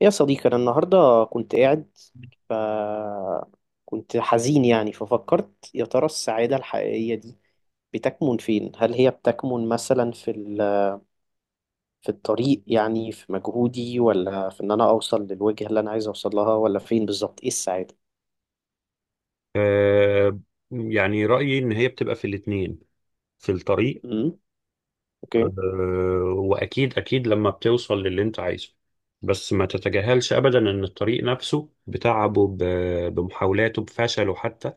يا صديقي، أنا النهاردة كنت قاعد، ف كنت حزين. يعني ففكرت، يا ترى السعادة الحقيقية دي بتكمن فين؟ هل هي بتكمن مثلا في الطريق؟ يعني في مجهودي، ولا في إن أنا أوصل للوجهة اللي أنا عايز أوصل لها، ولا فين بالظبط؟ إيه السعادة؟ آه، يعني رأيي إن هي بتبقى في الاتنين في الطريق. امم. أوكي. آه، وأكيد أكيد لما بتوصل للي أنت عايزه، بس ما تتجاهلش أبدا إن الطريق نفسه بتعبه بمحاولاته بفشله حتى.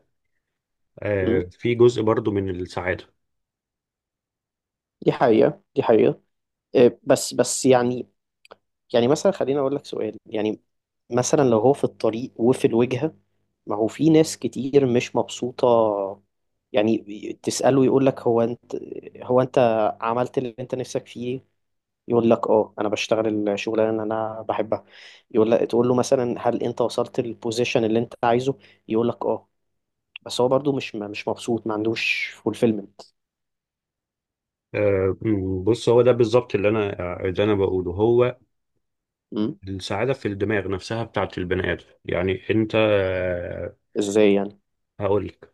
آه، امم. في جزء برضو من السعادة. دي حقيقة، دي حقيقة. إيه، بس يعني. يعني مثلا خليني اقول لك سؤال، يعني مثلا لو هو في الطريق وفي الوجهة، ما هو في ناس كتير مش مبسوطة يعني. تسأله يقول لك، هو انت عملت اللي انت نفسك فيه؟ يقول لك اه، انا بشتغل الشغلانه اللي انا بحبها. يقول لك، تقول له مثلا هل انت وصلت للبوزيشن اللي انت عايزه؟ يقول لك اه، بس هو برضو مش مبسوط، ما عندوش فولفيلمنت. آه، بص هو ده بالظبط اللي أنا بقوله. هو السعادة في الدماغ نفسها بتاعت البني آدم. يعني أنت ازاي يعني؟ هقولك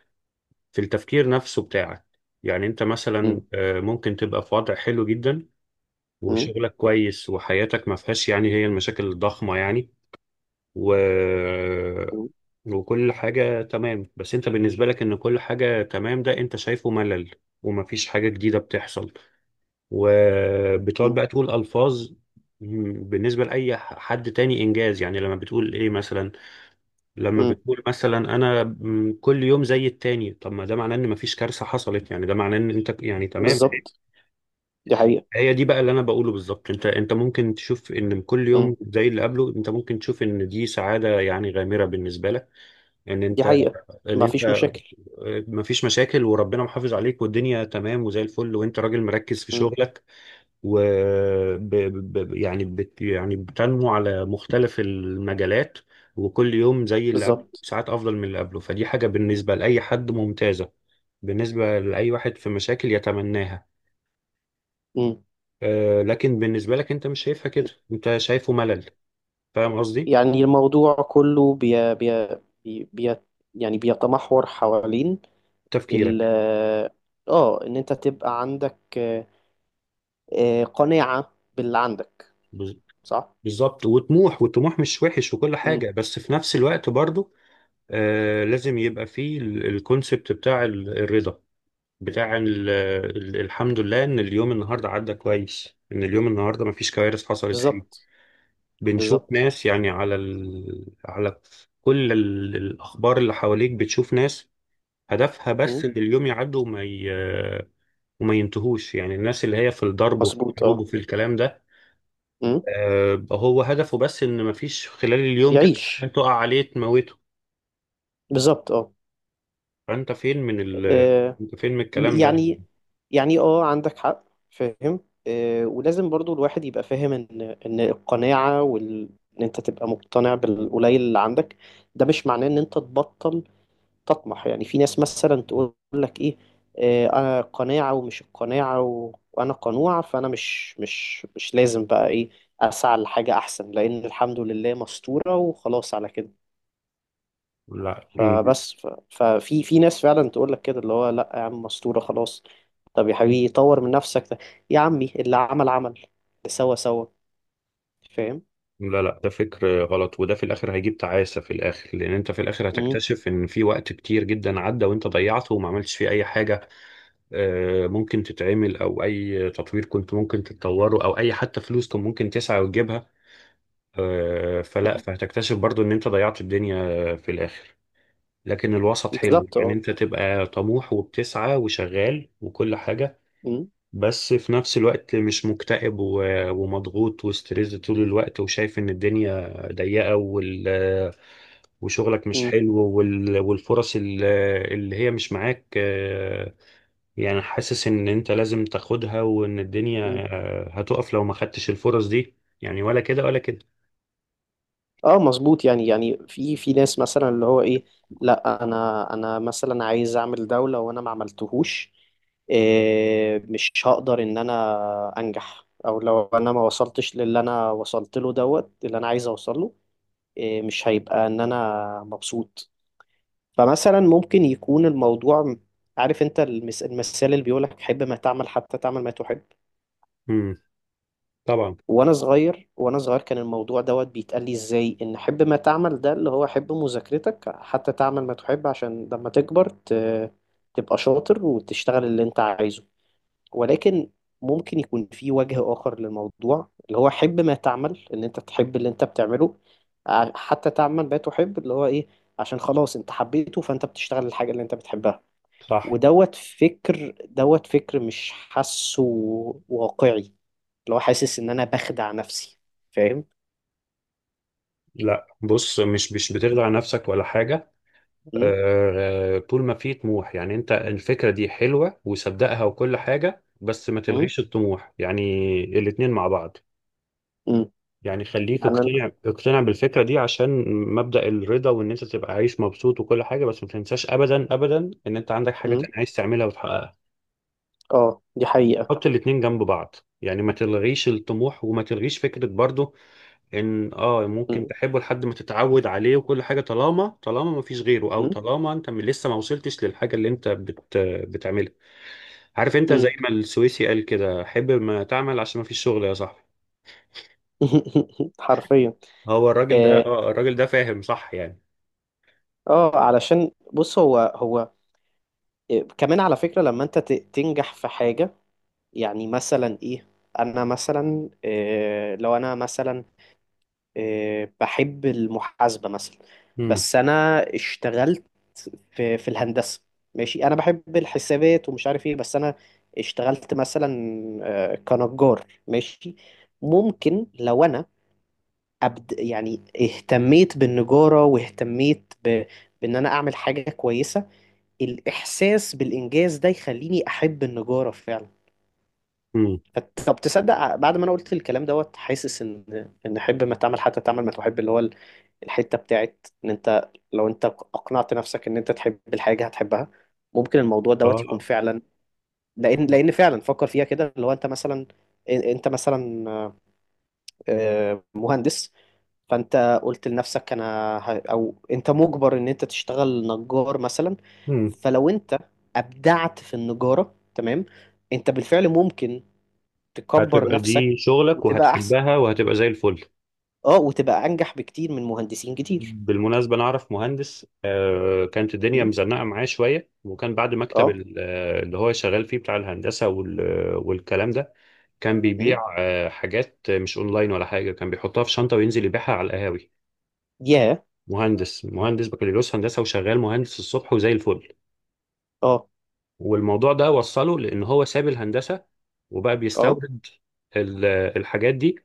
في التفكير نفسه بتاعك. يعني أنت مثلا مم. ممكن تبقى في وضع حلو جدا مم. وشغلك كويس وحياتك ما فيهاش يعني هي المشاكل الضخمة يعني و... مم. وكل حاجة تمام، بس انت بالنسبة لك ان كل حاجة تمام ده انت شايفه ملل ومفيش حاجة جديدة بتحصل، وبتقعد مم. بقى تقول ألفاظ بالنسبة لأي حد تاني إنجاز. يعني لما بتقول إيه مثلا، لما مم. بتقول مثلا أنا كل يوم زي التاني، طب ما ده معناه إن مفيش كارثة حصلت، يعني ده معناه إن أنت يعني تمام. بالظبط، دي حقيقة، هي دي بقى اللي انا بقوله بالظبط، انت ممكن تشوف ان كل يوم زي اللي قبله، انت ممكن تشوف ان دي سعاده يعني غامره بالنسبه لك، ان دي انت حقيقة، ان ما انت فيش مشاكل. آه، مفيش مشاكل وربنا محافظ عليك والدنيا تمام وزي الفل وانت راجل مركز في مم. شغلك و ب... ب... يعني بت... يعني بتنمو على مختلف المجالات، وكل يوم زي اللي قبله، بالظبط. ساعات افضل من اللي قبله، فدي حاجه بالنسبه لاي حد ممتازه، بالنسبه لاي واحد في مشاكل يتمناها. مم. لكن بالنسبة لك انت مش شايفها كده، انت شايفه ملل. فاهم قصدي؟ يعني الموضوع كله بي بي بي بي يعني بيتمحور حوالين تفكيرك. ال اه ان انت تبقى عندك قناعة باللي عندك، بز- صح؟ بالظبط وطموح، والطموح مش وحش وكل مم. حاجة، بس في نفس الوقت برضو لازم يبقى فيه الكونسبت بتاع الرضا، بتاع الحمد لله ان اليوم النهاردة عدى كويس، ان اليوم النهاردة مفيش كوارث حصلت فيه. بالظبط. بنشوف بالظبط. ناس يعني على كل الأخبار اللي حواليك، بتشوف ناس هدفها بس مم. ان اليوم يعدي وما ينتهوش، يعني الناس اللي هي في الضرب وفي مظبوط. الحروب اه. وفي الكلام ده. مم. بقى هو هدفه بس ان مفيش خلال اليوم كده حاجة يعيش. تقع عليه تموته. بالظبط. اه. فانت فين من ال آه، انت فين من الكلام ده؟ يعني يعني اه، عندك حق، فاهم. ولازم برضو الواحد يبقى فاهم ان القناعة ان انت تبقى مقتنع بالقليل اللي عندك، ده مش معناه ان انت تبطل تطمح. يعني في ناس مثلا تقول لك ايه، انا قناعة، ومش القناعة وانا قنوع، فانا مش لازم بقى ايه، اسعى لحاجة احسن، لان الحمد لله مستورة وخلاص على كده. لا فبس ففي ناس فعلا تقول لك كده، اللي هو لا يا عم مستورة خلاص، طب يا حبيبي طور من نفسك ده، يا عمي اللي عمل اللي سوى، فاهم. لا لا، ده فكر غلط، وده في الاخر هيجيب تعاسة. في الاخر لان انت في الاخر مم. هتكتشف ان في وقت كتير جدا عدى وانت ضيعته وما عملتش فيه اي حاجة. آه، ممكن تتعمل او اي تطوير كنت ممكن تتطوره او اي حتى فلوس كنت ممكن تسعى وتجيبها. آه، فلا، مم. فهتكتشف برضو ان انت ضيعت الدنيا في الاخر. لكن الوسط حلو، بالظبط يعني اه. انت تبقى طموح وبتسعى وشغال وكل حاجة، مم. بس في نفس الوقت مش مكتئب ومضغوط وستريس طول الوقت، وشايف ان الدنيا ضيقة وشغلك مش مم. حلو والفرص اللي هي مش معاك. يعني حاسس ان انت لازم تاخدها، وان الدنيا مم. هتقف لو ما خدتش الفرص دي. يعني ولا كده ولا كده. اه مظبوط. يعني في ناس مثلا اللي هو ايه، لا انا مثلا عايز اعمل دولة وانا ما عملتهوش، إيه مش هقدر ان انا انجح، او لو انا ما وصلتش للي انا وصلت له دوت اللي انا عايز اوصله، إيه، مش هيبقى ان انا مبسوط. فمثلا ممكن يكون الموضوع، عارف انت المثال اللي بيقولك حب ما تعمل حتى تعمل ما تحب. مم. طبعا. وانا صغير كان الموضوع دوت بيتقال لي ازاي، ان حب ما تعمل ده اللي هو حب مذاكرتك حتى تعمل ما تحب، عشان لما تكبر تبقى شاطر وتشتغل اللي انت عايزه. ولكن ممكن يكون في وجه آخر للموضوع، اللي هو حب ما تعمل ان انت تحب اللي انت بتعمله، حتى تعمل ما تحب، اللي هو ايه، عشان خلاص انت حبيته فانت بتشتغل الحاجة اللي انت بتحبها. صح. ودوت فكر مش حاسه واقعي، اللي هو حاسس ان انا بخدع نفسي، فاهم. لا، بص، مش بتخدع نفسك ولا حاجة. امم. طول ما في طموح، يعني انت الفكرة دي حلوة وصدقها وكل حاجة، بس ما امم. تلغيش الطموح. يعني الاتنين مع بعض. امم. يعني خليك يعني انا. اقتنع اقتنع بالفكرة دي عشان مبدأ الرضا، وان انت تبقى عايش مبسوط وكل حاجة، بس ما تنساش ابدا ابدا ان انت عندك حاجة امم. تانية عايز تعملها وتحققها. اه، دي حقيقة. حط الاتنين جنب بعض. يعني ما تلغيش الطموح، وما تلغيش فكرة برضو ان اه ممكن امم. تحبه لحد ما تتعود عليه وكل حاجه، طالما ما فيش غيره او طالما انت لسه ما وصلتش للحاجه اللي انت بتعملها. عارف انت زي امم. ما السويسي قال كده: حب ما تعمل عشان ما فيش شغل يا صاحبي. حرفيا. هو الراجل ده اه. اه الراجل ده فاهم صح يعني. علشان بص هو، إيه، كمان على فكرة لما انت تنجح في حاجة، يعني مثلا ايه، انا مثلا إيه، لو انا مثلا إيه بحب المحاسبة مثلا، امم. بس انا اشتغلت في الهندسة. ماشي، انا بحب الحسابات ومش عارف ايه، بس انا اشتغلت مثلا كنجار، ماشي. ممكن لو انا أبد، يعني اهتميت بالنجارة واهتميت بان انا اعمل حاجة كويسة، الإحساس بالإنجاز ده يخليني أحب النجارة فعلا. امم. طب تصدق، بعد ما أنا قلت الكلام دوت حاسس إن حب ما تعمل حتى تعمل ما تحب، اللي هو الحتة بتاعت إن أنت لو أنت أقنعت نفسك إن أنت تحب الحاجة هتحبها، ممكن الموضوع دوت يكون اه. فعلا. لأن فعلا فكر فيها كده، اللي هو أنت مثلا، أنت مثلا مهندس، فانت قلت لنفسك انا او انت مجبر ان انت تشتغل نجار مثلا، امم. فلو انت ابدعت في النجارة تمام، انت بالفعل ممكن تكبر هتبقى نفسك دي شغلك وتبقى احسن، وهتحبها وهتبقى زي الفل. اه وتبقى انجح بكتير من مهندسين كتير. بالمناسبة أنا أعرف مهندس كانت الدنيا م? مزنقة معاه شوية، وكان بعد مكتب اه. اللي هو شغال فيه بتاع الهندسة والكلام ده، كان م? بيبيع حاجات مش اونلاين ولا حاجه، كان بيحطها في شنطه وينزل يبيعها على القهاوي. ياه. مهندس، مهندس بكالوريوس هندسه وشغال مهندس الصبح وزي الفل، اه. والموضوع ده وصله لان هو ساب الهندسه وبقى اه. بيستورد ال- الحاجات دي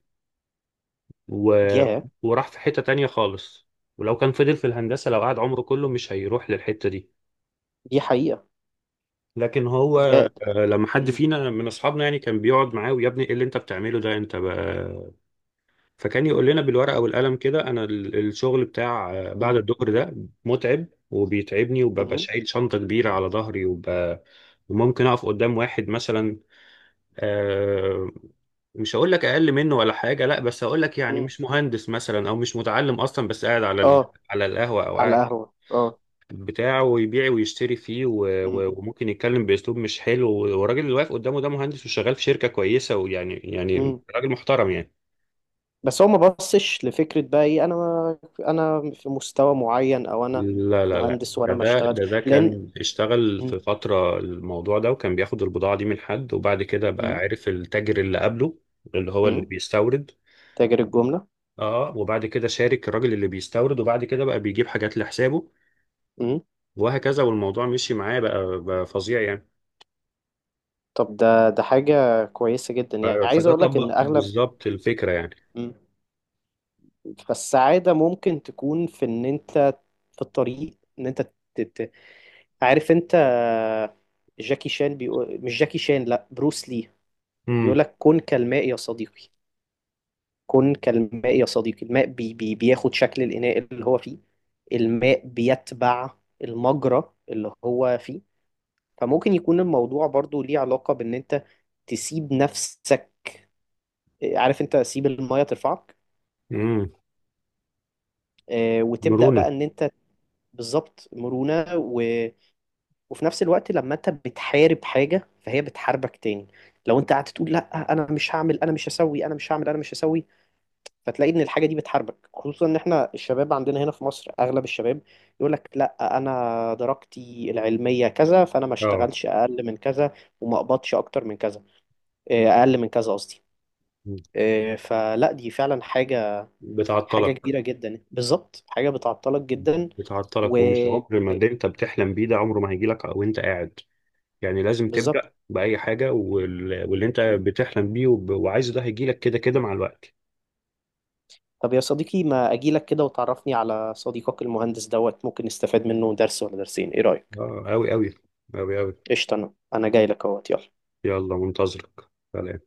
و... ياه. وراح في حته تانية خالص. ولو كان فضل في الهندسه لو قعد عمره كله مش هيروح للحته دي. دي حقيقة. لكن هو يا. لما حد م- فينا من اصحابنا يعني كان بيقعد معاه، ويا ابني ايه اللي انت بتعمله ده انت بقى. فكان يقول لنا بالورقة والقلم كده: أنا الشغل بتاع بعد م- الظهر ده متعب وبيتعبني، وببقى م- شايل شنطة كبيرة على ظهري وممكن أقف قدام واحد مثلا، آه، مش هقول لك أقل منه ولا حاجة، لا، بس هقول لك يعني م. مش مهندس مثلا أو مش متعلم أصلا، بس قاعد اه، على القهوة أو على قاعد القهوة اه. بتاعه ويبيع ويشتري فيه م- وممكن يتكلم بأسلوب مش حلو، والراجل اللي واقف قدامه ده مهندس وشغال في شركة كويسة، ويعني يعني م. راجل محترم يعني. بس هو ما بصش لفكرة بقى، ايه انا في مستوى معين، او انا لا لا لا، مهندس ده وانا ما ده اشتغلش ده ده لان. كان اشتغل مم. في فترة الموضوع ده، وكان بياخد البضاعة دي من حد وبعد كده بقى مم. عرف التاجر اللي قبله اللي هو اللي مم. بيستورد. تاجر الجملة. اه، وبعد كده شارك الراجل اللي بيستورد، وبعد كده بقى بيجيب حاجات لحسابه، مم. وهكذا. والموضوع مشي معاه، بقى فظيع يعني. طب ده حاجة كويسة جدا، ف- يعني عايز فده اقول لك ان طبق اغلب. بالظبط الفكرة يعني. مم. فالسعادة ممكن تكون في ان انت في الطريق، ان انت ت- ت- عارف انت، جاكي شان بيقول، مش جاكي شان، لا بروس لي امم. بيقول لك، كن كالماء يا صديقي. كن كالماء يا صديقي، الماء بي بي بياخد شكل الإناء اللي هو فيه، الماء بيتبع المجرى اللي هو فيه. فممكن يكون الموضوع برضو ليه علاقة بإن أنت تسيب نفسك، عارف أنت، سيب المية ترفعك، امم. وتبدأ مرونة. بقى إن أنت. بالظبط، مرونة وفي نفس الوقت لما أنت بتحارب حاجة فهي بتحاربك تاني، لو أنت قعدت تقول لا أنا مش هعمل أنا مش هسوي أنا مش هعمل أنا مش هسوي، فتلاقي ان الحاجه دي بتحاربك، خصوصا ان احنا الشباب عندنا هنا في مصر، اغلب الشباب يقول لك لا انا درجتي العلميه كذا فانا ما اه. اشتغلش اقل من كذا، وما اقبضش اكتر من كذا، اقل من كذا قصدي، مم. فلا دي فعلا حاجه، حاجه بتعطلك. كبيره جدا، بالظبط حاجه بتعطلك جدا. و بتعطلك، ومش عمر ما اللي انت بتحلم بيه ده عمره ما هيجي لك وانت قاعد. يعني لازم بالظبط. تبدأ بأي حاجة، واللي انت م. بتحلم بيه وعايزه ده هيجيلك كده كده مع الوقت. طب يا صديقي ما اجيلك كده وتعرفني على صديقك المهندس دوت، ممكن نستفاد منه درس ولا درسين، ايه رايك؟ اه، أوي أوي أوي أوي. قشطه، انا جاي لك اهوت، يلا. يلا منتظرك، سلام.